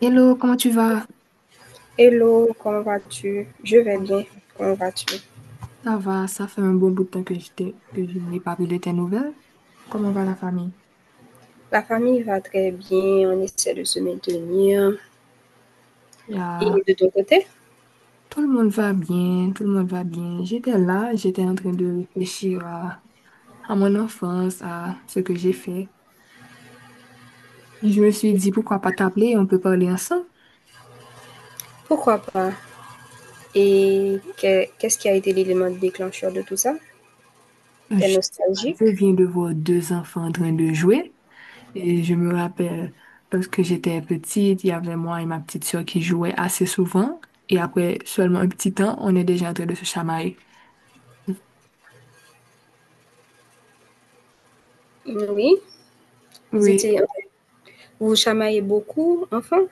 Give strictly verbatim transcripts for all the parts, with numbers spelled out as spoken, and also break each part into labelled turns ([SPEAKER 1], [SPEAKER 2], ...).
[SPEAKER 1] Hello, comment tu vas?
[SPEAKER 2] Hello, comment vas-tu? Je vais bien. Comment vas-tu?
[SPEAKER 1] Ça va, ça fait un bon bout de temps que je t'ai- que je n'ai pas pris de tes nouvelles. Comment va la famille?
[SPEAKER 2] La famille va très bien. On essaie de se maintenir.
[SPEAKER 1] Il y a-
[SPEAKER 2] Et de ton côté?
[SPEAKER 1] Tout le monde va bien, tout le monde va bien. J'étais là, j'étais en train de réfléchir à, à mon enfance, à ce que j'ai fait. Et je me suis dit, pourquoi pas t'appeler, on peut parler ensemble.
[SPEAKER 2] Pourquoi pas? Et que- qu'est-ce qui a été l'élément déclencheur de tout ça?
[SPEAKER 1] Je
[SPEAKER 2] T'es
[SPEAKER 1] sais pas, je
[SPEAKER 2] nostalgique?
[SPEAKER 1] viens de voir deux enfants en train de jouer. Et je me rappelle, lorsque j'étais petite, il y avait moi et ma petite sœur qui jouaient assez souvent. Et après seulement un petit temps, on est déjà en train de se chamailler.
[SPEAKER 2] Oui. Vous
[SPEAKER 1] Oui,
[SPEAKER 2] étiez, Vous chamaillez beaucoup, enfin?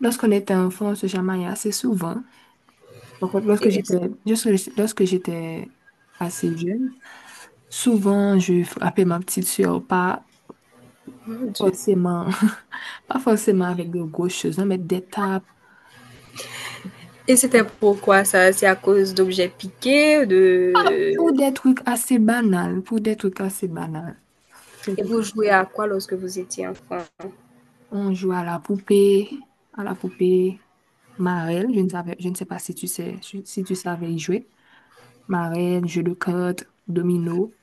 [SPEAKER 1] lorsqu'on était enfant, on se chamaillait assez souvent. Par contre, lorsque
[SPEAKER 2] Et,
[SPEAKER 1] j'étais, lorsque lorsque j'étais assez jeune, souvent je frappais ma petite sœur, pas
[SPEAKER 2] Mon Dieu.
[SPEAKER 1] forcément, pas forcément avec de grosses choses, hein, mais des tapes.
[SPEAKER 2] Et c'était pourquoi ça? C'est à cause d'objets piqués,
[SPEAKER 1] Ah,
[SPEAKER 2] de.
[SPEAKER 1] pour des trucs assez banals, pour des trucs assez banals.
[SPEAKER 2] Et vous jouez à quoi lorsque vous étiez enfant?
[SPEAKER 1] On joue à la poupée à la poupée marelle. Je ne savais, je ne sais pas si tu sais, si si tu savais y jouer. Marelle, jeu de cartes, domino.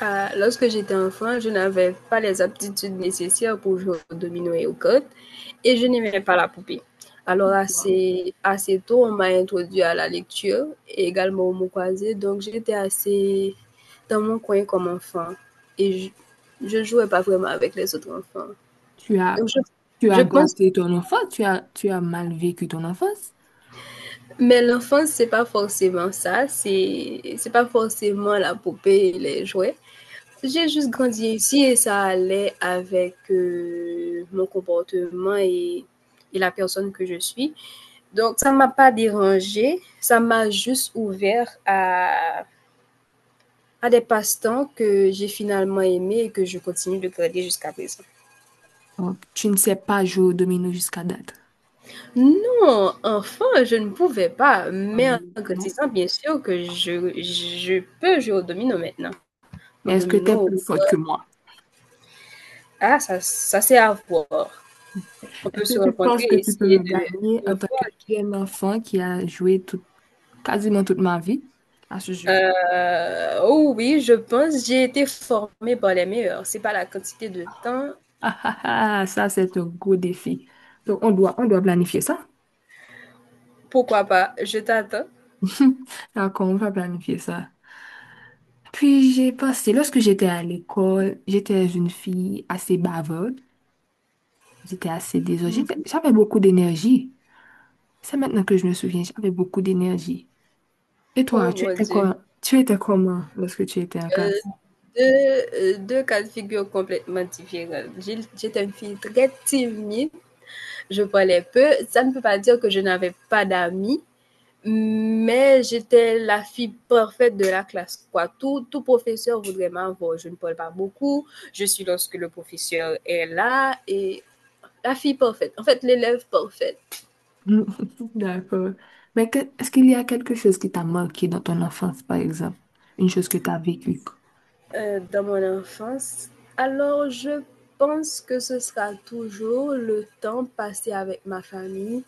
[SPEAKER 2] Ah, lorsque j'étais enfant, je n'avais pas les aptitudes nécessaires pour jouer au domino et aux cartes et je n'aimais pas la poupée. Alors
[SPEAKER 1] Wow.
[SPEAKER 2] assez, assez tôt, on m'a introduit à la lecture et également au mot croisé, donc j'étais assez dans mon coin comme enfant et je, je jouais pas vraiment avec les autres enfants.
[SPEAKER 1] Tu as,
[SPEAKER 2] Donc je,
[SPEAKER 1] tu
[SPEAKER 2] je
[SPEAKER 1] as
[SPEAKER 2] pense,
[SPEAKER 1] gâté ton enfance, tu as, tu as mal vécu ton enfance.
[SPEAKER 2] mais l'enfance, c'est pas forcément ça, c'est, c'est pas forcément la poupée et les jouets. J'ai juste grandi ici et ça allait avec, heu, mon comportement et et la personne que je suis. Donc ça ne m'a pas dérangée, ça m'a juste ouvert à à des passe-temps que j'ai finalement aimés et que je continue de garder jusqu'à présent.
[SPEAKER 1] Donc, tu ne sais pas jouer au domino jusqu'à date.
[SPEAKER 2] Non, enfin je ne pouvais pas,
[SPEAKER 1] Quand
[SPEAKER 2] mais
[SPEAKER 1] même,
[SPEAKER 2] en
[SPEAKER 1] non?
[SPEAKER 2] grandissant, bien sûr que je je peux jouer au domino maintenant.
[SPEAKER 1] Mais
[SPEAKER 2] Au
[SPEAKER 1] est-ce que tu es
[SPEAKER 2] domino,
[SPEAKER 1] plus forte que moi?
[SPEAKER 2] ah ça ça c'est à voir. On peut
[SPEAKER 1] Est-ce
[SPEAKER 2] se
[SPEAKER 1] que tu
[SPEAKER 2] rencontrer
[SPEAKER 1] penses que
[SPEAKER 2] et
[SPEAKER 1] tu peux
[SPEAKER 2] essayer
[SPEAKER 1] me gagner
[SPEAKER 2] de
[SPEAKER 1] en
[SPEAKER 2] de
[SPEAKER 1] tant que
[SPEAKER 2] voir.
[SPEAKER 1] jeune enfant qui a joué tout, quasiment toute ma vie à ce jeu?
[SPEAKER 2] Heu, oh oui, je pense, j'ai été formée par les meilleurs. C'est pas la quantité de temps.
[SPEAKER 1] Ah, ah, ah, ça, c'est un gros défi. Donc, on doit, on doit planifier ça.
[SPEAKER 2] Pourquoi pas? Je t'attends.
[SPEAKER 1] D'accord, on va planifier ça. Puis, j'ai passé, lorsque j'étais à l'école, j'étais une fille assez bavarde. J'étais assez désordre. J'étais-
[SPEAKER 2] Mmh.
[SPEAKER 1] J'avais beaucoup d'énergie. C'est maintenant que je me souviens, j'avais beaucoup d'énergie. Et
[SPEAKER 2] Oh
[SPEAKER 1] toi, tu
[SPEAKER 2] mon
[SPEAKER 1] étais
[SPEAKER 2] Dieu,
[SPEAKER 1] quoi, tu étais comment lorsque tu étais en
[SPEAKER 2] heu,
[SPEAKER 1] classe?
[SPEAKER 2] deux heu, deux cas de figure complètement différents. J'ai j'étais une fille très timide, je parlais peu. Ça ne peut pas dire que je n'avais pas d'amis, mais j'étais la fille parfaite de la classe, quoi. Tout tout professeur voudrait m'avoir. Je ne parle pas beaucoup, je suis lorsque le professeur est là et la fille parfaite. En fait, l'élève parfaite.
[SPEAKER 1] D'accord. Mais que- est-ce qu'il y a quelque chose qui t'a marqué dans ton enfance, par exemple? Une chose que tu as vécue?
[SPEAKER 2] Euh, dans mon enfance. Alors, je pense que ce sera toujours le temps passé avec ma famille,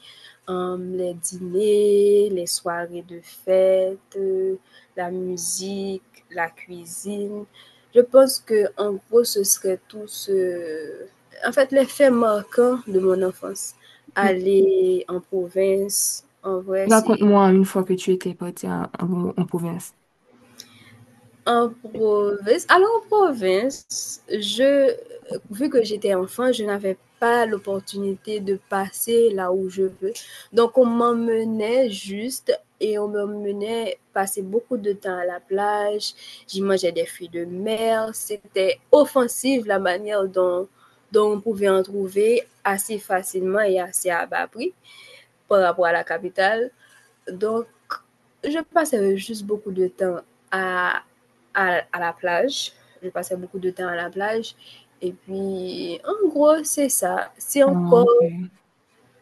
[SPEAKER 2] euh, les dîners, les soirées de fête, euh, la musique, la cuisine. Je pense que en gros, ce serait tout ce. En fait, les faits marquants de mon enfance. Aller en province, en vrai, c'est
[SPEAKER 1] Raconte-moi une fois que tu étais parti en, en- en province.
[SPEAKER 2] en province. Alors en province, je vu que j'étais enfant, je n'avais pas l'opportunité de passer là où je veux. Donc on m'emmenait juste et on m'emmenait passer beaucoup de temps à la plage. J'y mangeais des fruits de mer. C'était offensif la manière dont, dont on pouvait en trouver assez facilement et assez à bas prix par rapport à la capitale. Donc, je passais juste beaucoup de temps à, à, à la plage. Je passais beaucoup de temps à la plage. Et puis, en gros, c'est ça. C'est
[SPEAKER 1] Ah,
[SPEAKER 2] encore.
[SPEAKER 1] ok.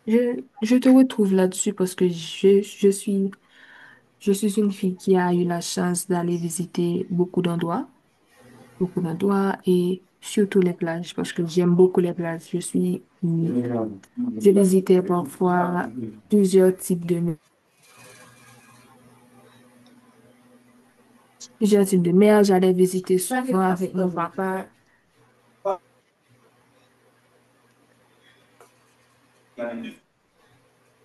[SPEAKER 1] Je, je te retrouve là-dessus parce que je, je suis, je suis une fille qui a eu la chance d'aller visiter beaucoup d'endroits, beaucoup d'endroits et surtout les plages parce que j'aime beaucoup les plages. Je suis, je visitais parfois plusieurs types de, plusieurs types de mer. J'allais visiter souvent avec.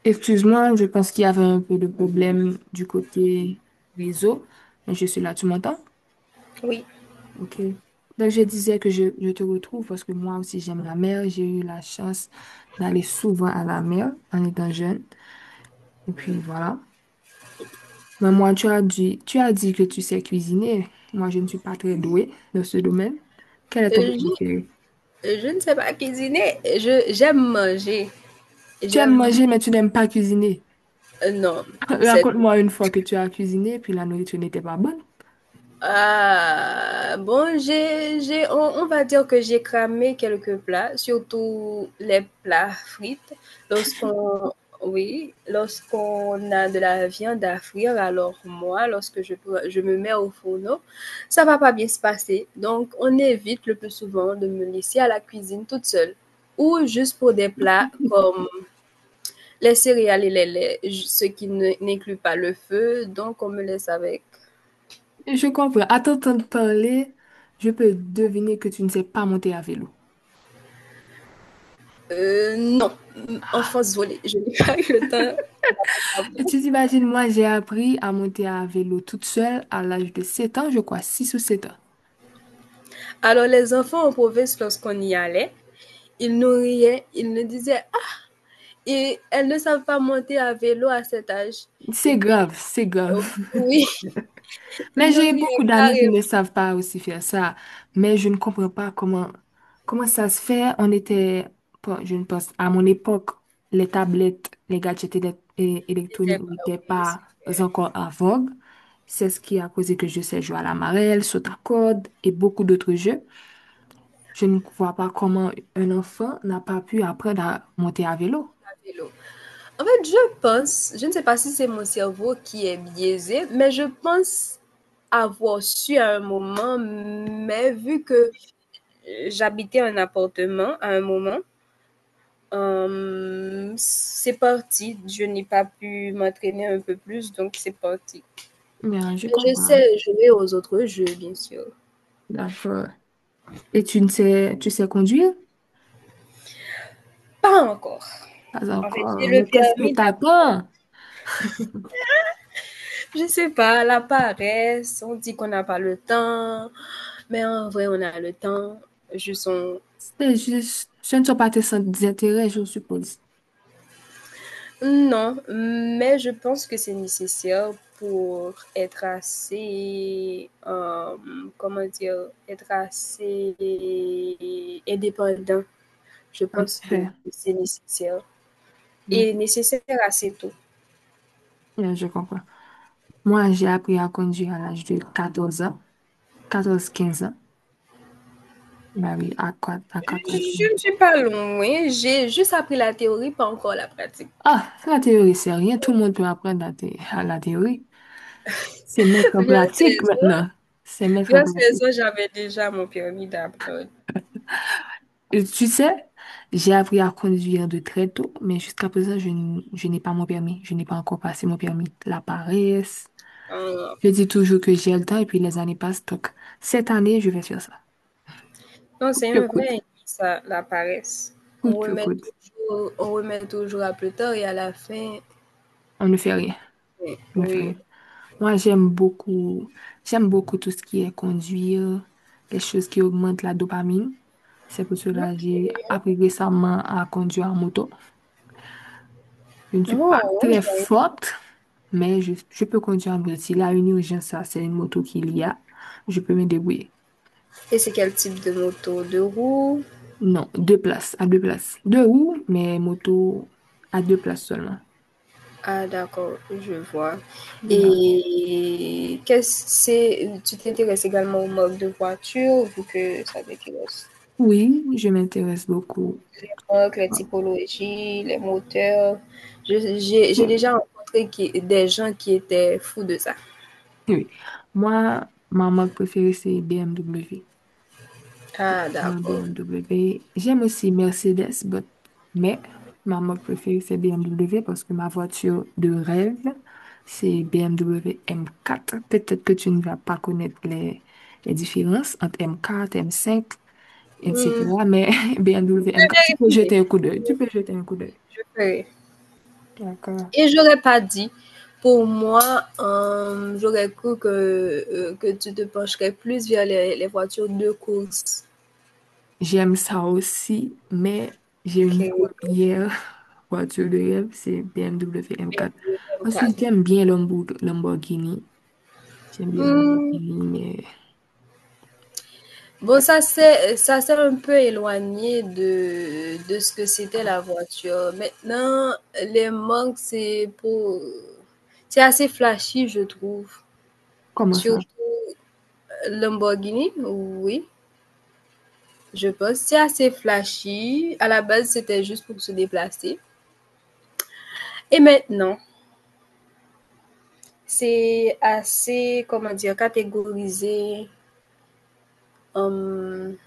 [SPEAKER 1] Excuse-moi, je pense qu'il y avait un peu de problème du côté réseau, mais je suis là, tu m'entends?
[SPEAKER 2] Oui.
[SPEAKER 1] OK. Donc, je disais que je, je te retrouve parce que moi aussi, j'aime la mer. J'ai eu la chance d'aller souvent à la mer en étant jeune. Et puis, voilà. Mais moi, tu as dit, tu as dit que tu sais cuisiner. Moi, je ne suis pas très douée dans ce domaine. Quel est ton plat
[SPEAKER 2] euh,
[SPEAKER 1] préféré?
[SPEAKER 2] Je, je ne sais pas cuisiner. Je, j'aime manger.
[SPEAKER 1] Tu aimes
[SPEAKER 2] J'aime.
[SPEAKER 1] manger, mais tu n'aimes pas cuisiner.
[SPEAKER 2] euh, Non, c'est
[SPEAKER 1] Raconte-moi une fois que tu as cuisiné, puis la nourriture n'était pas bonne.
[SPEAKER 2] Ah, bon, j'ai, j'ai, on, on va dire que j'ai cramé quelques plats, surtout les plats frites. Lorsqu'on, oui, lorsqu'on a de la viande à frire, alors moi, lorsque je, pre- je me mets au fourneau, ça va pas bien se passer. Donc, on évite le plus souvent de me laisser à la cuisine toute seule. Ou juste pour des plats comme les céréales et les laits, ju- ce qui ne- n'inclut pas le feu. Donc, on me laisse avec.
[SPEAKER 1] Je comprends. À t'entendre parler, je peux deviner que tu ne sais pas monter à vélo.
[SPEAKER 2] Euh, non. Enfants,
[SPEAKER 1] Ah,
[SPEAKER 2] désolée, je n'ai pas eu le temps.
[SPEAKER 1] et tu t'imagines, moi, j'ai appris à monter à vélo toute seule à l'âge de sept ans, je crois, six ou sept ans.
[SPEAKER 2] Alors, les enfants en province, lorsqu'on y allait, ils nous riaient, ils nous disaient: Ah, et elles ne savent pas monter à vélo à cet âge. Et
[SPEAKER 1] C'est
[SPEAKER 2] puis,
[SPEAKER 1] grave, c'est
[SPEAKER 2] oh,
[SPEAKER 1] grave.
[SPEAKER 2] oui, ils
[SPEAKER 1] Mais
[SPEAKER 2] nous
[SPEAKER 1] j'ai
[SPEAKER 2] riaient
[SPEAKER 1] beaucoup d'amis qui ne
[SPEAKER 2] carrément.
[SPEAKER 1] savent pas aussi faire ça. Mais je ne comprends pas comment, comment ça se fait. On était, bon, je ne pense, à mon époque, les tablettes, les gadgets élec- é-
[SPEAKER 2] Ils n'étaient
[SPEAKER 1] électroniques
[SPEAKER 2] pas
[SPEAKER 1] n'étaient pas encore en vogue. C'est ce qui a causé que je sais jouer à la marelle, saut à corde et beaucoup d'autres jeux. Je ne vois pas comment un enfant n'a pas pu apprendre à monter à vélo.
[SPEAKER 2] à vélo. En fait, je pense, je ne sais pas si c'est mon cerveau qui est biaisé, mais je pense avoir su à un moment, mais vu que j'habitais un appartement à un moment, Hem, c'est parti. Je n'ai pas pu m'entraîner un peu plus, donc c'est parti.
[SPEAKER 1] Bien, je
[SPEAKER 2] Bah, je
[SPEAKER 1] comprends.
[SPEAKER 2] sais jouer aux autres jeux, bien sûr.
[SPEAKER 1] D'accord. Et tu ne sais, tu sais conduire?
[SPEAKER 2] Pas encore.
[SPEAKER 1] Pas
[SPEAKER 2] En fait,
[SPEAKER 1] encore.
[SPEAKER 2] j'ai le
[SPEAKER 1] Mais qu'est-ce que
[SPEAKER 2] permis là.
[SPEAKER 1] t'attends?
[SPEAKER 2] Je sais pas, la paresse, on dit qu'on n'a pas le temps, mais en vrai, on a le temps. Juste on.
[SPEAKER 1] C'est juste, ce ne sont pas tes centres d'intérêt, je suppose.
[SPEAKER 2] Non, mais je pense que c'est nécessaire pour être assez, hem, comment dire? Être assez euh, indépendant. Je
[SPEAKER 1] En
[SPEAKER 2] pense que
[SPEAKER 1] effet,
[SPEAKER 2] c'est nécessaire
[SPEAKER 1] en effet.
[SPEAKER 2] et nécessaire assez tôt.
[SPEAKER 1] Bien, je comprends. Moi, j'ai appris à conduire à l'âge de quatorze ans, quatorze quinze ans. Bah oui, à, quoi- à quatorze
[SPEAKER 2] Je ne
[SPEAKER 1] ans.
[SPEAKER 2] suis pas loin, j'ai juste appris la théorie, pas encore la pratique.
[SPEAKER 1] Ah, la théorie, c'est rien. Tout le monde peut apprendre à, thé- à la théorie. C'est mettre en
[SPEAKER 2] Vers
[SPEAKER 1] pratique
[SPEAKER 2] seize
[SPEAKER 1] maintenant.
[SPEAKER 2] ans,
[SPEAKER 1] C'est mettre en
[SPEAKER 2] vers seize
[SPEAKER 1] pratique.
[SPEAKER 2] ans, j'avais déjà mon permis d'apprendre.
[SPEAKER 1] Et tu sais, j'ai appris à conduire de très tôt, mais jusqu'à présent, je, n- je n'ai pas mon permis. Je n'ai pas encore passé mon permis. La paresse.
[SPEAKER 2] Euh,
[SPEAKER 1] Je dis toujours que j'ai le temps et puis les années passent. Donc, cette année, je vais faire ça.
[SPEAKER 2] Non,
[SPEAKER 1] Coûte
[SPEAKER 2] c'est
[SPEAKER 1] que
[SPEAKER 2] un
[SPEAKER 1] coûte.
[SPEAKER 2] vrai ça, la paresse. On
[SPEAKER 1] Coûte que
[SPEAKER 2] remet
[SPEAKER 1] coûte.
[SPEAKER 2] toujours, on remet toujours à plus tard et à la fin,
[SPEAKER 1] On ne fait rien.
[SPEAKER 2] eh,
[SPEAKER 1] On ne fait rien.
[SPEAKER 2] oui.
[SPEAKER 1] Moi, j'aime beaucoup, j'aime beaucoup tout ce qui est conduire, les choses qui augmentent la dopamine. C'est pour cela que
[SPEAKER 2] Ok.
[SPEAKER 1] j'ai appris récemment à conduire en moto. Je ne suis pas
[SPEAKER 2] Oh,
[SPEAKER 1] très
[SPEAKER 2] ouais.
[SPEAKER 1] forte, mais je, je peux conduire en moto. S'il y a une urgence, ça, c'est une moto qu'il y a, je peux me débrouiller.
[SPEAKER 2] Et c'est quel type de moto? De roue?
[SPEAKER 1] Non, deux places, à deux places. Deux roues, mais moto à deux places seulement.
[SPEAKER 2] Ah d'accord, je vois.
[SPEAKER 1] Yeah.
[SPEAKER 2] Et qu'est-ce c'est tu t'intéresses également aux marques de voitures, vu que ça t'intéresse.
[SPEAKER 1] Oui, je m'intéresse beaucoup.
[SPEAKER 2] Les marques, les
[SPEAKER 1] Ah,
[SPEAKER 2] typologies, les moteurs. Je- j'ai j'ai
[SPEAKER 1] je-
[SPEAKER 2] déjà rencontré qui- des gens qui étaient fous de ça.
[SPEAKER 1] oui. Oui. Moi, ma marque préférée, c'est B M W.
[SPEAKER 2] Ah
[SPEAKER 1] Mon
[SPEAKER 2] d'accord.
[SPEAKER 1] B M W. J'aime aussi Mercedes, but- mais ma marque préférée, c'est B M W parce que ma voiture de rêve, c'est B M W M quatre. Peut-être que tu ne vas pas connaître les, les différences entre M quatre, M cinq,
[SPEAKER 2] Hmm,
[SPEAKER 1] et cetera. Mais B M W
[SPEAKER 2] je
[SPEAKER 1] M quatre, tu peux
[SPEAKER 2] vérifierai,
[SPEAKER 1] jeter un coup d'œil. Tu peux jeter un coup d'œil.
[SPEAKER 2] je ferai.
[SPEAKER 1] D'accord.
[SPEAKER 2] Et j'aurais pas dit, pour moi, euh, j'aurais cru que, euh, que tu te pencherais plus vers les, les voitures de course.
[SPEAKER 1] J'aime ça aussi, mais j'ai une première voiture de rêve, c'est B M W M quatre. Ensuite,
[SPEAKER 2] quatre.
[SPEAKER 1] j'aime bien Lamborg- Lamborghini. J'aime bien
[SPEAKER 2] Hmm,
[SPEAKER 1] Lamborghini, mais
[SPEAKER 2] Bon, ça c'est ça s'est un peu éloigné de, de ce que c'était la voiture. Maintenant, les manques, c'est pour c'est assez flashy, je trouve.
[SPEAKER 1] comment
[SPEAKER 2] Surtout
[SPEAKER 1] ça?
[SPEAKER 2] Lamborghini, oui, je pense. C'est assez flashy. À la base, c'était juste pour se déplacer. Et maintenant, c'est assez, comment dire, catégorisé en,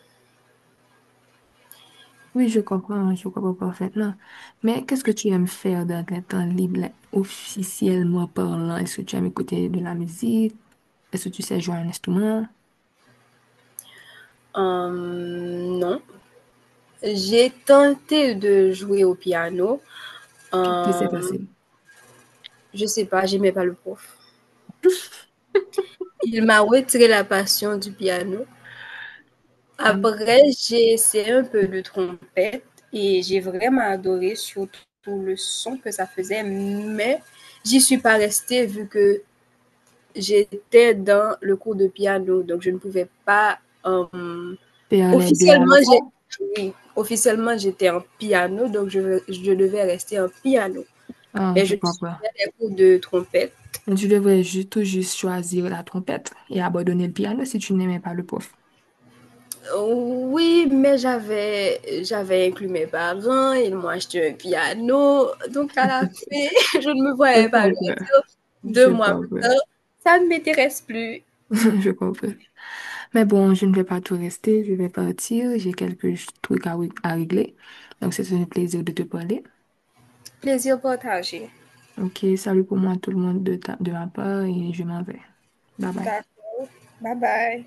[SPEAKER 1] Oui, je comprends, je comprends parfaitement. Mais qu'est-ce que tu aimes faire dans ton temps libre, like, officiellement parlant? Est-ce que tu aimes écouter de la musique? Est-ce que tu sais jouer à un instrument?
[SPEAKER 2] en nom. J'ai tenté de jouer au piano.
[SPEAKER 1] Qu'est-ce qui s'est
[SPEAKER 2] Euh,
[SPEAKER 1] passé?
[SPEAKER 2] je sais pas, j'aimais pas le prof. Il m'a retiré la passion du piano.
[SPEAKER 1] Ah,
[SPEAKER 2] Après, j'ai essayé un peu de trompette et j'ai vraiment adoré surtout le son que ça faisait, mais j'y suis pas restée vu que j'étais dans le cours de piano, donc je ne pouvais pas. Euh,
[SPEAKER 1] faire les deux à la
[SPEAKER 2] officiellement, j'ai
[SPEAKER 1] fois?
[SPEAKER 2] Oui, officiellement j'étais en piano, donc je, je devais rester en piano.
[SPEAKER 1] Ah,
[SPEAKER 2] Mais
[SPEAKER 1] je
[SPEAKER 2] je
[SPEAKER 1] comprends.
[SPEAKER 2] suivais des cours de trompette.
[SPEAKER 1] Tu devrais ju- tout juste choisir la trompette et abandonner le piano si tu n'aimais pas le prof.
[SPEAKER 2] Oui, mais j'avais, j'avais inclus mes parents, ils m'ont acheté un piano. Donc, à la fin, je ne me
[SPEAKER 1] Je
[SPEAKER 2] voyais pas
[SPEAKER 1] comprends,
[SPEAKER 2] le dire deux
[SPEAKER 1] je
[SPEAKER 2] mois.
[SPEAKER 1] comprends,
[SPEAKER 2] Plus, Ça ne m'intéresse plus.
[SPEAKER 1] je comprends. Mais bon, je ne vais pas tout rester, je vais partir, j'ai quelques ch- trucs à, ré- à régler. Donc, c'est un plaisir de te parler.
[SPEAKER 2] Plaisir partagé.
[SPEAKER 1] Ok, salut pour moi tout le monde de, ta- de ma part et je m'en vais. Bye bye.
[SPEAKER 2] D'accord. Bye bye.